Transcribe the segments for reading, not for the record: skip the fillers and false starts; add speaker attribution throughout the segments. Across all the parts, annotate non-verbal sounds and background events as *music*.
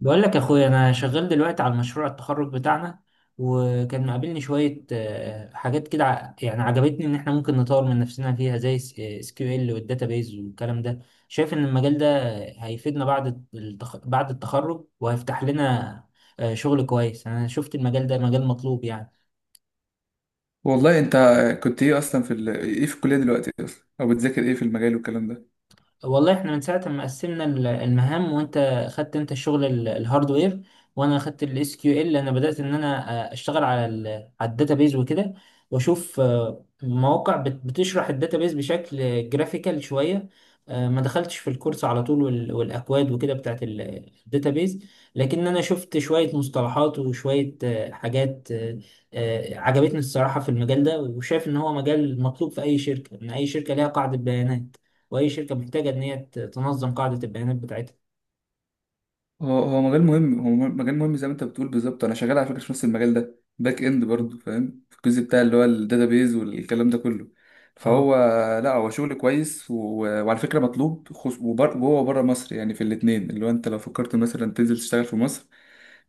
Speaker 1: بقول لك يا اخويا، انا شغال دلوقتي على مشروع التخرج بتاعنا، وكان مقابلني شويه حاجات كده، يعني عجبتني ان احنا ممكن نطور من نفسنا فيها، زي اس كيو ال والداتابيز والكلام ده. شايف ان المجال ده هيفيدنا بعد بعد التخرج، وهيفتح لنا شغل كويس. انا شفت المجال ده مجال مطلوب يعني.
Speaker 2: والله انت كنت ايه اصلا في ال... ايه في الكليه دلوقتي اصلا او بتذاكر ايه في المجال والكلام ده؟
Speaker 1: والله احنا من ساعة ما قسمنا المهام، وانت خدت انت الشغل الهاردوير، وانا خدت الاس كيو ال. انا بدأت ان انا اشتغل على الداتابيز وكده، واشوف مواقع بتشرح الداتابيز بشكل جرافيكال شوية. ما دخلتش في الكورس على طول، والاكواد وكده بتاعت الداتابيز، لكن انا شفت شوية مصطلحات وشوية حاجات عجبتني الصراحة في المجال ده، وشايف ان هو مجال مطلوب في اي شركة. ان اي شركة ليها قاعدة بيانات، واي شركه محتاجه ان هي تنظم قاعده البيانات بتاعتها.
Speaker 2: هو مجال مهم، مجال مهم زي ما انت بتقول بالظبط. انا شغال على فكره في نفس المجال ده، باك اند، برضه فاهم في الجزء بتاع اللي هو الداتابيز والكلام ده كله.
Speaker 1: اه.
Speaker 2: فهو لا، هو شغل كويس، وعلى فكره مطلوب، جوه وبره مصر يعني، في الاثنين. اللي هو انت لو فكرت مثلا تنزل تشتغل في مصر،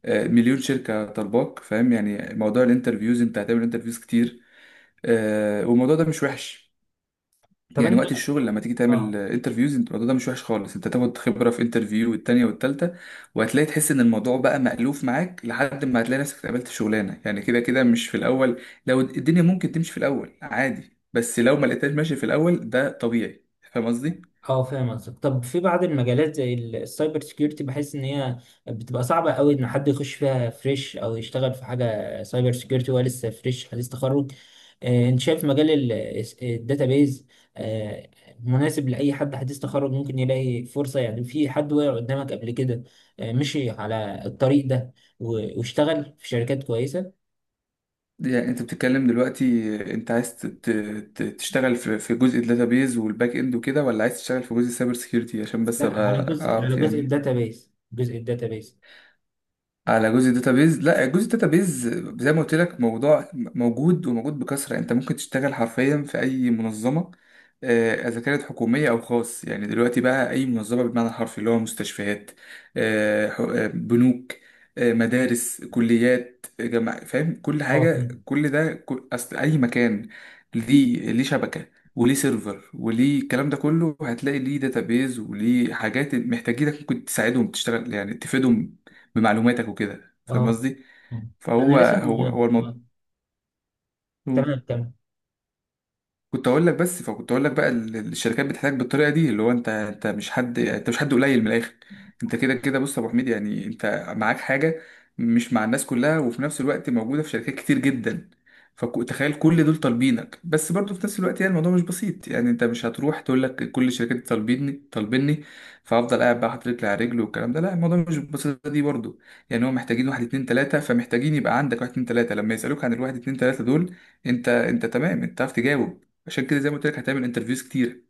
Speaker 2: مليون شركه طالباك. فاهم يعني موضوع الانترفيوز؟ انت هتعمل انترفيوز كتير، والموضوع ده مش وحش
Speaker 1: طب
Speaker 2: يعني.
Speaker 1: انت.
Speaker 2: وقت الشغل لما تيجي تعمل
Speaker 1: اه.
Speaker 2: انترفيوز، انت الموضوع ده مش وحش خالص. انت تاخد خبره في انترفيو والتانيه والتالته، وهتلاقي تحس ان الموضوع بقى مألوف معاك، لحد ما هتلاقي نفسك اتقبلت شغلانه. يعني كده كده مش في الاول. لو الدنيا ممكن تمشي في الاول عادي، بس لو ما لقيتهاش ماشي في الاول ده طبيعي. فاهم قصدي؟
Speaker 1: اه، فاهم قصدك. طب في بعض المجالات زي السايبر سيكيورتي، بحس ان هي بتبقى صعبه قوي، ان حد يخش فيها فريش او يشتغل في حاجه سايبر سيكيورتي وهو لسه فريش حديث تخرج. انت شايف مجال الداتابيز مناسب لاي حد حديث تخرج، ممكن يلاقي فرصه يعني؟ في حد وقع قدامك قبل كده مشي على الطريق ده واشتغل في شركات كويسه؟
Speaker 2: يعني انت بتتكلم دلوقتي، انت عايز تشتغل في جزء الداتابيز والباك اند وكده، ولا عايز تشتغل في جزء السايبر سيكيورتي؟ عشان بس
Speaker 1: لا، على
Speaker 2: ابقى
Speaker 1: جزء على
Speaker 2: اعرف
Speaker 1: جزء
Speaker 2: يعني.
Speaker 1: الداتابيس، جزء الداتابيس.
Speaker 2: على جزء الداتابيز؟ لا، جزء الداتابيز زي ما قلت لك، موضوع موجود وموجود بكثرة. انت ممكن تشتغل حرفيا في اي منظمة، اذا كانت حكومية او خاص. يعني دلوقتي بقى اي منظمة بالمعنى الحرفي، اللي هو مستشفيات، بنوك، مدارس، كليات، جامعة. فاهم كل
Speaker 1: اه.
Speaker 2: حاجة؟ كل ده كل اصل اي مكان ليه، ليه شبكة وليه سيرفر وليه الكلام ده كله، هتلاقي ليه داتابيز وليه حاجات محتاجينك. ممكن تساعدهم، تشتغل يعني تفيدهم بمعلوماتك وكده. فاهم
Speaker 1: اه.
Speaker 2: قصدي؟
Speaker 1: آه. انا
Speaker 2: فهو
Speaker 1: راسم.
Speaker 2: هو هو
Speaker 1: آه.
Speaker 2: الموضوع.
Speaker 1: تمام، تمام.
Speaker 2: كنت اقول لك بس، فكنت اقول لك بقى الشركات بتحتاج بالطريقه دي. اللي هو انت، مش حد، مش حد قليل، من الاخر انت كده كده. بص يا ابو حميد، يعني انت معاك حاجه مش مع الناس كلها، وفي نفس الوقت موجوده في شركات كتير جدا. فتخيل كل دول طالبينك، بس برضه في نفس الوقت يعني الموضوع مش بسيط. يعني انت مش هتروح تقول لك كل الشركات طالبيني طالبيني، فافضل قاعد بقى حاطط رجلي على رجل والكلام ده. لا، الموضوع مش بالبساطه دي برضه. يعني هم محتاجين واحد اتنين تلاته، فمحتاجين يبقى عندك واحد اتنين تلاته. لما يسالوك عن الواحد اتنين تلاته دول، انت، تمام، انت عارف تجاوب. عشان كده زي ما قلت لك، هتعمل انترفيوز كتير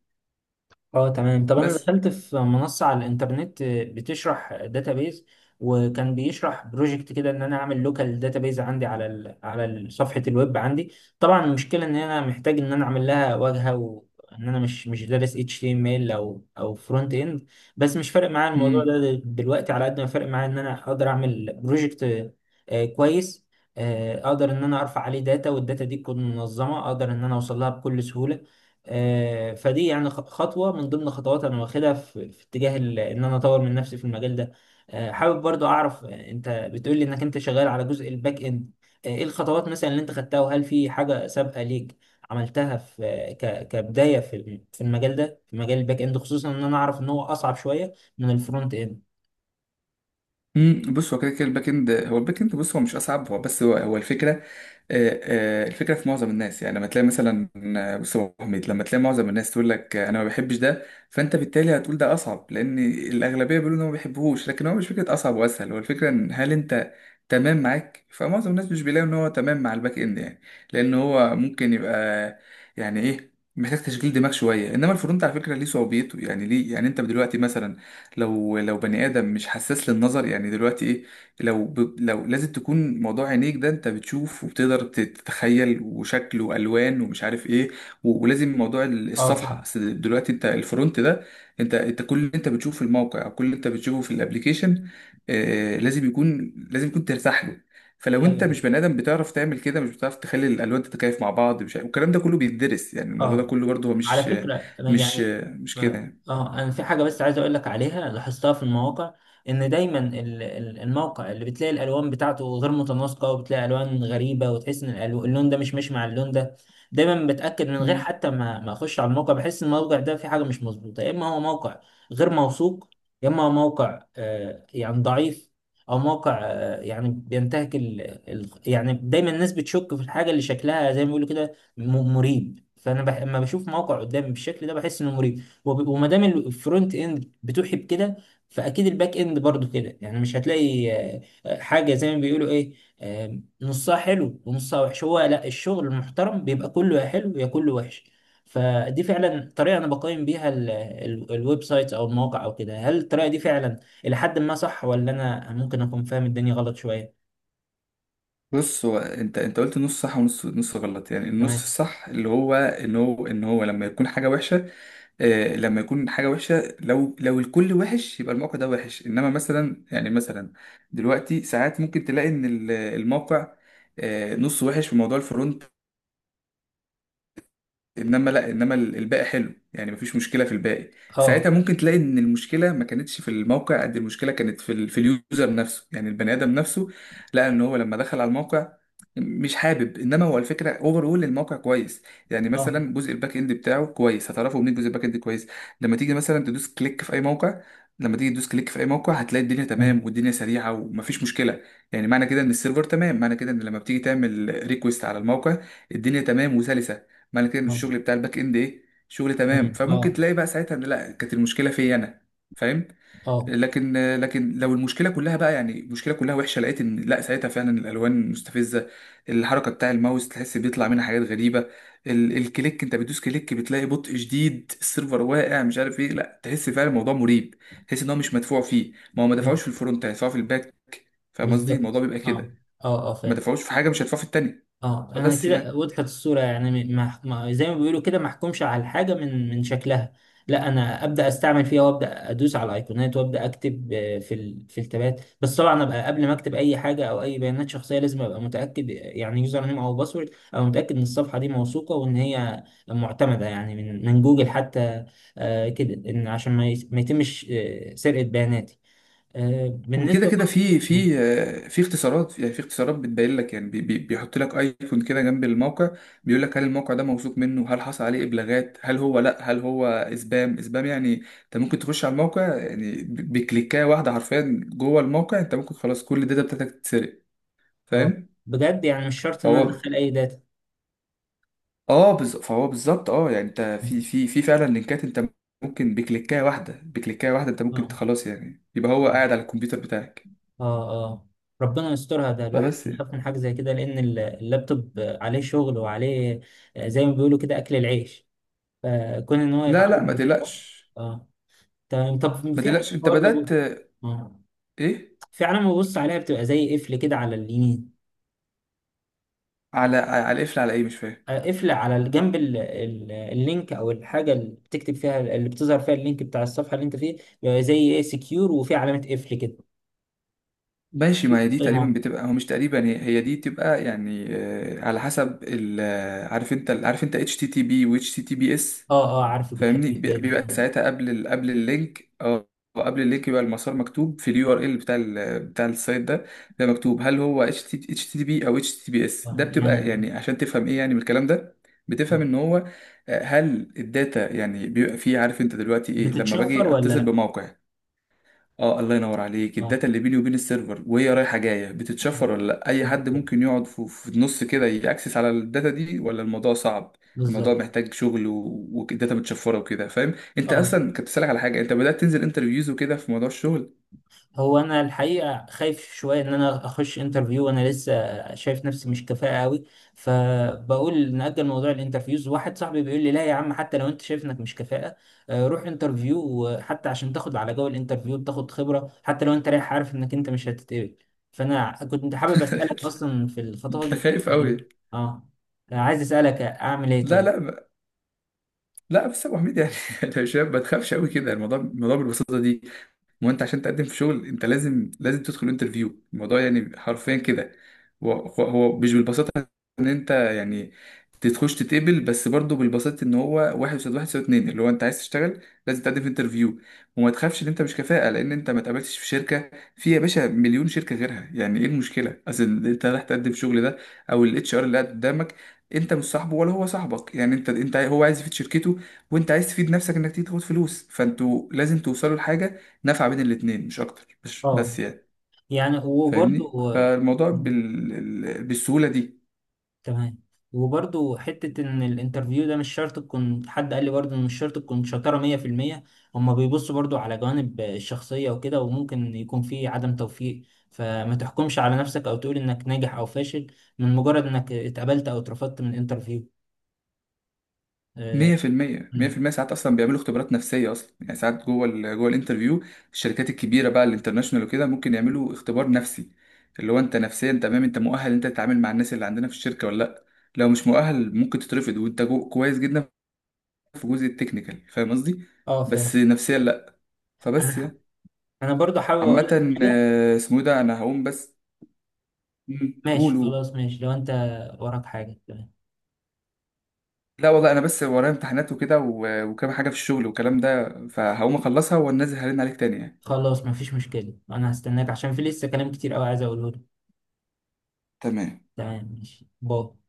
Speaker 1: اه، تمام. طب انا
Speaker 2: بس.
Speaker 1: دخلت في منصة على الانترنت بتشرح داتابيز، وكان بيشرح بروجكت كده، ان انا اعمل لوكال داتابيز عندي صفحة الويب عندي. طبعا المشكلة ان انا محتاج ان انا اعمل لها واجهة، وان انا مش دارس HTML او فرونت اند. بس مش فارق معايا الموضوع ده
Speaker 2: امم
Speaker 1: دلوقتي، على قد ما فارق معايا ان انا اقدر اعمل بروجكت كويس، اقدر ان انا ارفع عليه داتا، والداتا دي تكون منظمة، اقدر ان انا اوصل لها بكل سهولة. فدي يعني خطوة من ضمن خطوات أنا واخدها في اتجاه إن أنا أطور من نفسي في المجال ده. حابب برضو أعرف، أنت بتقول لي إنك أنت شغال على جزء الباك إند. إيه الخطوات مثلا اللي أنت خدتها، وهل في حاجة سابقة ليك عملتها في كبداية في في المجال ده، في مجال الباك إند، خصوصا إن أنا أعرف إن هو أصعب شوية من الفرونت إند.
Speaker 2: بص، كده كده الباك اند. هو الباك اند بص، هو مش اصعب، هو بس هو, الفكره. الفكره في معظم الناس، يعني لما تلاقي مثلا، بص يا أبو حميد، لما تلاقي معظم الناس تقول لك انا ما بحبش ده، فانت بالتالي هتقول ده اصعب، لان الاغلبيه بيقولوا ان هو ما بيحبوهوش. لكن هو مش فكره اصعب واسهل، هو الفكره ان هل انت تمام معاك؟ فمعظم الناس مش بيلاقوا ان هو تمام مع الباك اند يعني، لان هو ممكن يبقى يعني ايه، محتاج تشغيل دماغ شويه. انما الفرونت على فكره ليه صعوبيته يعني، ليه؟ يعني انت دلوقتي مثلا، لو بني ادم مش حساس للنظر، يعني دلوقتي ايه، لو لازم تكون موضوع عينيك ده، انت بتشوف وبتقدر تتخيل، وشكل والوان ومش عارف ايه، ولازم موضوع الصفحه،
Speaker 1: اه،
Speaker 2: أصل دلوقتي انت الفرونت ده، انت كل اللي انت بتشوفه في الموقع، او كل اللي انت بتشوفه في الابليكيشن، لازم يكون، لازم يكون ترتاح له. فلو انت مش
Speaker 1: فاهم.
Speaker 2: بني ادم بتعرف تعمل كده، مش بتعرف تخلي الالوان تتكيف مع بعض، مش عارف- والكلام ده كله بيتدرس. يعني الموضوع ده
Speaker 1: اه.
Speaker 2: كله برضه هو
Speaker 1: على
Speaker 2: مش،
Speaker 1: فكرة
Speaker 2: مش
Speaker 1: يعني.
Speaker 2: مش كده
Speaker 1: اه، انا في حاجة بس عايز اقول لك عليها، لاحظتها في المواقع. ان دايما الموقع اللي بتلاقي الالوان بتاعته غير متناسقة، وبتلاقي الوان غريبة، وتحس ان اللون ده مش ماشي مع اللون ده، دايما بتأكد من غير
Speaker 2: يعني.
Speaker 1: حتى ما اخش على الموقع. بحس ان الموقع ده في حاجة مش مظبوطة، يا اما هو موقع غير موثوق، يا اما هو موقع يعني ضعيف، او موقع يعني بينتهك يعني دايما الناس بتشك في الحاجة اللي شكلها، زي ما بيقولوا كده، مريب. لما بشوف موقع قدامي بالشكل ده بحس انه مريب، وما دام الفرونت اند بتوحي بكده، فاكيد الباك اند برضو كده، يعني مش هتلاقي حاجه زي ما بيقولوا ايه، نصها حلو ونصها وحش. هو لا، الشغل المحترم بيبقى كله يا حلو، يا كله وحش. فدي فعلا طريقه انا بقيم بيها الويب سايت او المواقع او كده. هل الطريقه دي فعلا الى حد ما صح، ولا انا ممكن اكون فاهم الدنيا غلط شويه؟
Speaker 2: بص، هو انت، قلت نص صح ونص، غلط. يعني النص
Speaker 1: تمام.
Speaker 2: الصح اللي هو ان هو، لما يكون حاجه وحشه، آه لما يكون حاجه وحشه، لو الكل وحش يبقى الموقع ده وحش. انما مثلا، يعني مثلا دلوقتي ساعات ممكن تلاقي ان الموقع آه نص وحش في موضوع الفرونت، انما لا، انما الباقي حلو، يعني مفيش مشكله في الباقي. ساعتها
Speaker 1: اه،
Speaker 2: ممكن تلاقي ان المشكله ما كانتش في الموقع قد المشكله كانت في في اليوزر نفسه، يعني البني ادم نفسه لقى ان هو لما دخل على الموقع مش حابب. انما هو الفكره اوفر اول الموقع كويس، يعني
Speaker 1: اه،
Speaker 2: مثلا جزء الباك اند بتاعه كويس. هتعرفه منين جزء الباك اند كويس؟ لما تيجي مثلا تدوس كليك في اي موقع، لما تيجي تدوس كليك في اي موقع هتلاقي الدنيا تمام
Speaker 1: تمام.
Speaker 2: والدنيا سريعه ومفيش مشكله. يعني معنى كده ان السيرفر تمام، معنى كده ان لما بتيجي تعمل ريكوست على الموقع، الدنيا تمام وسلسه. معنى كده ان
Speaker 1: اه،
Speaker 2: الشغل بتاع الباك اند ايه، شغل تمام.
Speaker 1: تمام.
Speaker 2: فممكن
Speaker 1: اه،
Speaker 2: تلاقي بقى ساعتها ان لا، كانت المشكله فيا انا. فاهم؟
Speaker 1: اه،
Speaker 2: لكن، لكن لو المشكله كلها بقى، يعني المشكله كلها وحشه، لقيت ان لا، ساعتها فعلا الالوان مستفزه، الحركه بتاع الماوس تحس بيطلع منها حاجات غريبه، الكليك انت بتدوس كليك بتلاقي بطء شديد، السيرفر واقع مش عارف ايه، لا تحس فعلا الموضوع مريب. تحس ان هو مش مدفوع فيه، ما هو ما
Speaker 1: بال-
Speaker 2: دفعوش في الفرونت هيدفعوا في الباك؟ فاهم قصدي؟ الموضوع
Speaker 1: بالظبط.
Speaker 2: بيبقى
Speaker 1: اه،
Speaker 2: كده،
Speaker 1: اه، اه،
Speaker 2: ما
Speaker 1: فاهم.
Speaker 2: دفعوش في حاجه مش هيدفعوا في التانيه.
Speaker 1: اه، انا
Speaker 2: فبس
Speaker 1: كده
Speaker 2: يعني.
Speaker 1: وضحت الصورة، يعني زي ما بيقولوا كده، ما احكمش على الحاجة من شكلها. لا، انا ابدا استعمل فيها، وابدا ادوس على الايقونات، وابدا اكتب في التابات، بس طبعا ابقى قبل ما اكتب اي حاجة او اي بيانات شخصية لازم ابقى متاكد، يعني يوزر نيم او باسورد ابقى متاكد ان الصفحة دي موثوقة وان هي معتمدة، يعني من جوجل حتى، كده، ان عشان ما يتمش سرقة بياناتي.
Speaker 2: وكده
Speaker 1: بالنسبة
Speaker 2: كده
Speaker 1: برضه.
Speaker 2: في في اختصارات، يعني في اختصارات بتبين لك، يعني بيحط لك ايكون كده جنب الموقع، بيقول لك هل الموقع ده موثوق منه، هل حصل عليه ابلاغات، هل هو لا، هل هو سبام. سبام يعني انت ممكن تخش على الموقع يعني بكليكايه واحده، حرفيا جوه الموقع انت ممكن خلاص كل الداتا بتاعتك تتسرق.
Speaker 1: اه،
Speaker 2: فاهم؟
Speaker 1: بجد يعني مش شرط ان انا
Speaker 2: فهو،
Speaker 1: ادخل اي داتا.
Speaker 2: فهو بالظبط اه. يعني انت في في فعلا لينكات، انت ممكن بكليكايه واحده، بكليكايه واحده، انت ممكن
Speaker 1: اه،
Speaker 2: خلاص يعني يبقى هو قاعد على الكمبيوتر بتاعك.
Speaker 1: اه، اه، ربنا يسترها. ده الواحد
Speaker 2: فبس يعني.
Speaker 1: بيخاف من حاجه زي كده، لان اللابتوب عليه شغل وعليه زي ما بيقولوا كده اكل العيش، فكون ان هو
Speaker 2: لا لا
Speaker 1: يتعرض
Speaker 2: ما
Speaker 1: للاختراق.
Speaker 2: تقلقش،
Speaker 1: اه، تمام. طب
Speaker 2: ما
Speaker 1: في
Speaker 2: تقلقش.
Speaker 1: علامه
Speaker 2: انت
Speaker 1: برضه
Speaker 2: بدأت،
Speaker 1: اه،
Speaker 2: ايه؟
Speaker 1: في علامه ببص عليها، بتبقى زي قفل كده على اليمين.
Speaker 2: على، قفل على ايه؟ مش فاهم.
Speaker 1: قفل على الجنب اللينك او الحاجه اللي بتكتب فيها، اللي بتظهر فيها اللينك بتاع الصفحه اللي انت فيه. بيبقى زي ايه سكيور وفي علامه قفل كده.
Speaker 2: ماشي، ما
Speaker 1: شوف
Speaker 2: هي دي
Speaker 1: زي ما
Speaker 2: تقريبا
Speaker 1: هو.
Speaker 2: بتبقى، هو مش تقريبا، هي دي بتبقى يعني على حسب ال، عارف انت، عارف انت اتش تي تي بي واتش تي تي بي اس؟
Speaker 1: اه، اه، عارفه بيحب
Speaker 2: فاهمني؟
Speaker 1: الخيل.
Speaker 2: بيبقى ساعتها قبل قبل اللينك اه، قبل اللينك يبقى المسار مكتوب في اليو ار ال بتاع بتاع السايت ده، ده مكتوب هل هو اتش تي، اتش تي بي او اتش تي بي اس. ده بتبقى
Speaker 1: يعني
Speaker 2: يعني عشان تفهم ايه يعني من الكلام ده، بتفهم ان هو هل الداتا يعني بيبقى فيه، عارف انت دلوقتي ايه لما
Speaker 1: بتتشفر
Speaker 2: باجي
Speaker 1: ولا
Speaker 2: اتصل
Speaker 1: لا؟
Speaker 2: بموقع، اه الله ينور عليك.
Speaker 1: آه،
Speaker 2: الداتا اللي بيني وبين السيرفر وهي رايحه جايه بتتشفر ولا لأ؟ اي حد ممكن يقعد في النص كده ياكسس على الداتا دي، ولا الموضوع صعب؟ الموضوع
Speaker 1: بالظبط.
Speaker 2: محتاج شغل، والداتا متشفره وكده. فاهم؟ انت
Speaker 1: اه،
Speaker 2: اصلا كنت بسالك على حاجه، انت بدات تنزل انترفيوز وكده في موضوع الشغل.
Speaker 1: هو انا الحقيقه خايف شويه ان انا اخش انترفيو وانا لسه شايف نفسي مش كفاءه قوي، فبقول نأجل موضوع الانترفيوز. واحد صاحبي بيقول لي لا يا عم، حتى لو انت شايف انك مش كفاءه روح انترفيو، حتى عشان تاخد على جو الانترفيو بتاخد خبره، حتى لو انت رايح عارف انك انت مش هتتقبل. فانا كنت حابب اسالك،
Speaker 2: *laughs*
Speaker 1: اصلا في الخطوات
Speaker 2: انت خايف
Speaker 1: دي،
Speaker 2: قوي.
Speaker 1: اه، عايز اسالك اعمل ايه
Speaker 2: لا
Speaker 1: طيب.
Speaker 2: لا ب- لا بس يا ابو حميد يعني، *laughs* انت شايف؟ ما تخافش قوي كده، الموضوع، الموضوع بالبساطه دي. ما هو انت عشان تقدم في شغل انت لازم، لازم تدخل انترفيو. الموضوع يعني حرفيا كده، هو مش بالبساطه ان انت يعني تخش تتقبل. بس برضه بالبساطه ان هو واحد يساوي واحد يساوي اتنين، اللي هو انت عايز تشتغل لازم تقدم في انترفيو. وما تخافش ان انت مش كفاءه لان انت ما اتقبلتش في شركه، في يا باشا مليون شركه غيرها. يعني ايه المشكله؟ اصل انت رايح تقدم في الشغل ده، او الاتش ار اللي قاعد قدامك انت مش صاحبه ولا هو صاحبك. يعني انت انت هو عايز يفيد شركته، وانت عايز تفيد نفسك انك تيجي تاخد فلوس، فانتوا لازم توصلوا لحاجه، نفع بين الاتنين مش اكتر. مش
Speaker 1: اه،
Speaker 2: بس يعني
Speaker 1: يعني
Speaker 2: فاهمني؟
Speaker 1: وبرضه،
Speaker 2: فالموضوع بالسهوله دي.
Speaker 1: تمام. وبرضو حتة إن الانترفيو ده مش شرط تكون، حد قال لي برضو إن مش شرط تكون شطارة 100%. هما بيبصوا برضو على جوانب الشخصية وكده، وممكن يكون في عدم توفيق، فما تحكمش على نفسك أو تقول إنك ناجح أو فاشل من مجرد إنك اتقبلت أو اترفضت من انترفيو. اه.
Speaker 2: 100%،
Speaker 1: م.
Speaker 2: 100% ساعات اصلا بيعملوا اختبارات نفسيه اصلا، يعني ساعات جوه جوه الانترفيو، الشركات الكبيره بقى الانترناشونال وكده ممكن يعملوا اختبار نفسي. اللي هو انت نفسيا تمام، انت مؤهل انت تتعامل مع الناس اللي عندنا في الشركه ولا لا؟ لو مش مؤهل ممكن تترفض، وانت كويس جدا في جزء التكنيكال. فاهم قصدي؟ بس
Speaker 1: فاهم.
Speaker 2: نفسيا لا. فبس
Speaker 1: أنا ح-
Speaker 2: يعني.
Speaker 1: أنا برضو حابب أقول لك
Speaker 2: عامه
Speaker 1: حاجة.
Speaker 2: اسمه إيه ده، انا هقوم بس. مم. قول
Speaker 1: ماشي
Speaker 2: قول.
Speaker 1: خلاص، ماشي لو أنت وراك حاجة. تمام.
Speaker 2: لا والله انا بس ورايا امتحانات وكده وكام حاجه في الشغل والكلام ده، فهقوم اخلصها وانزل هرن عليك تاني يعني.
Speaker 1: خلاص، مفيش مشكلة، أنا هستناك عشان في لسه كلام كتير أوي عايز أقوله لك.
Speaker 2: تمام.
Speaker 1: تمام، ماشي، باي.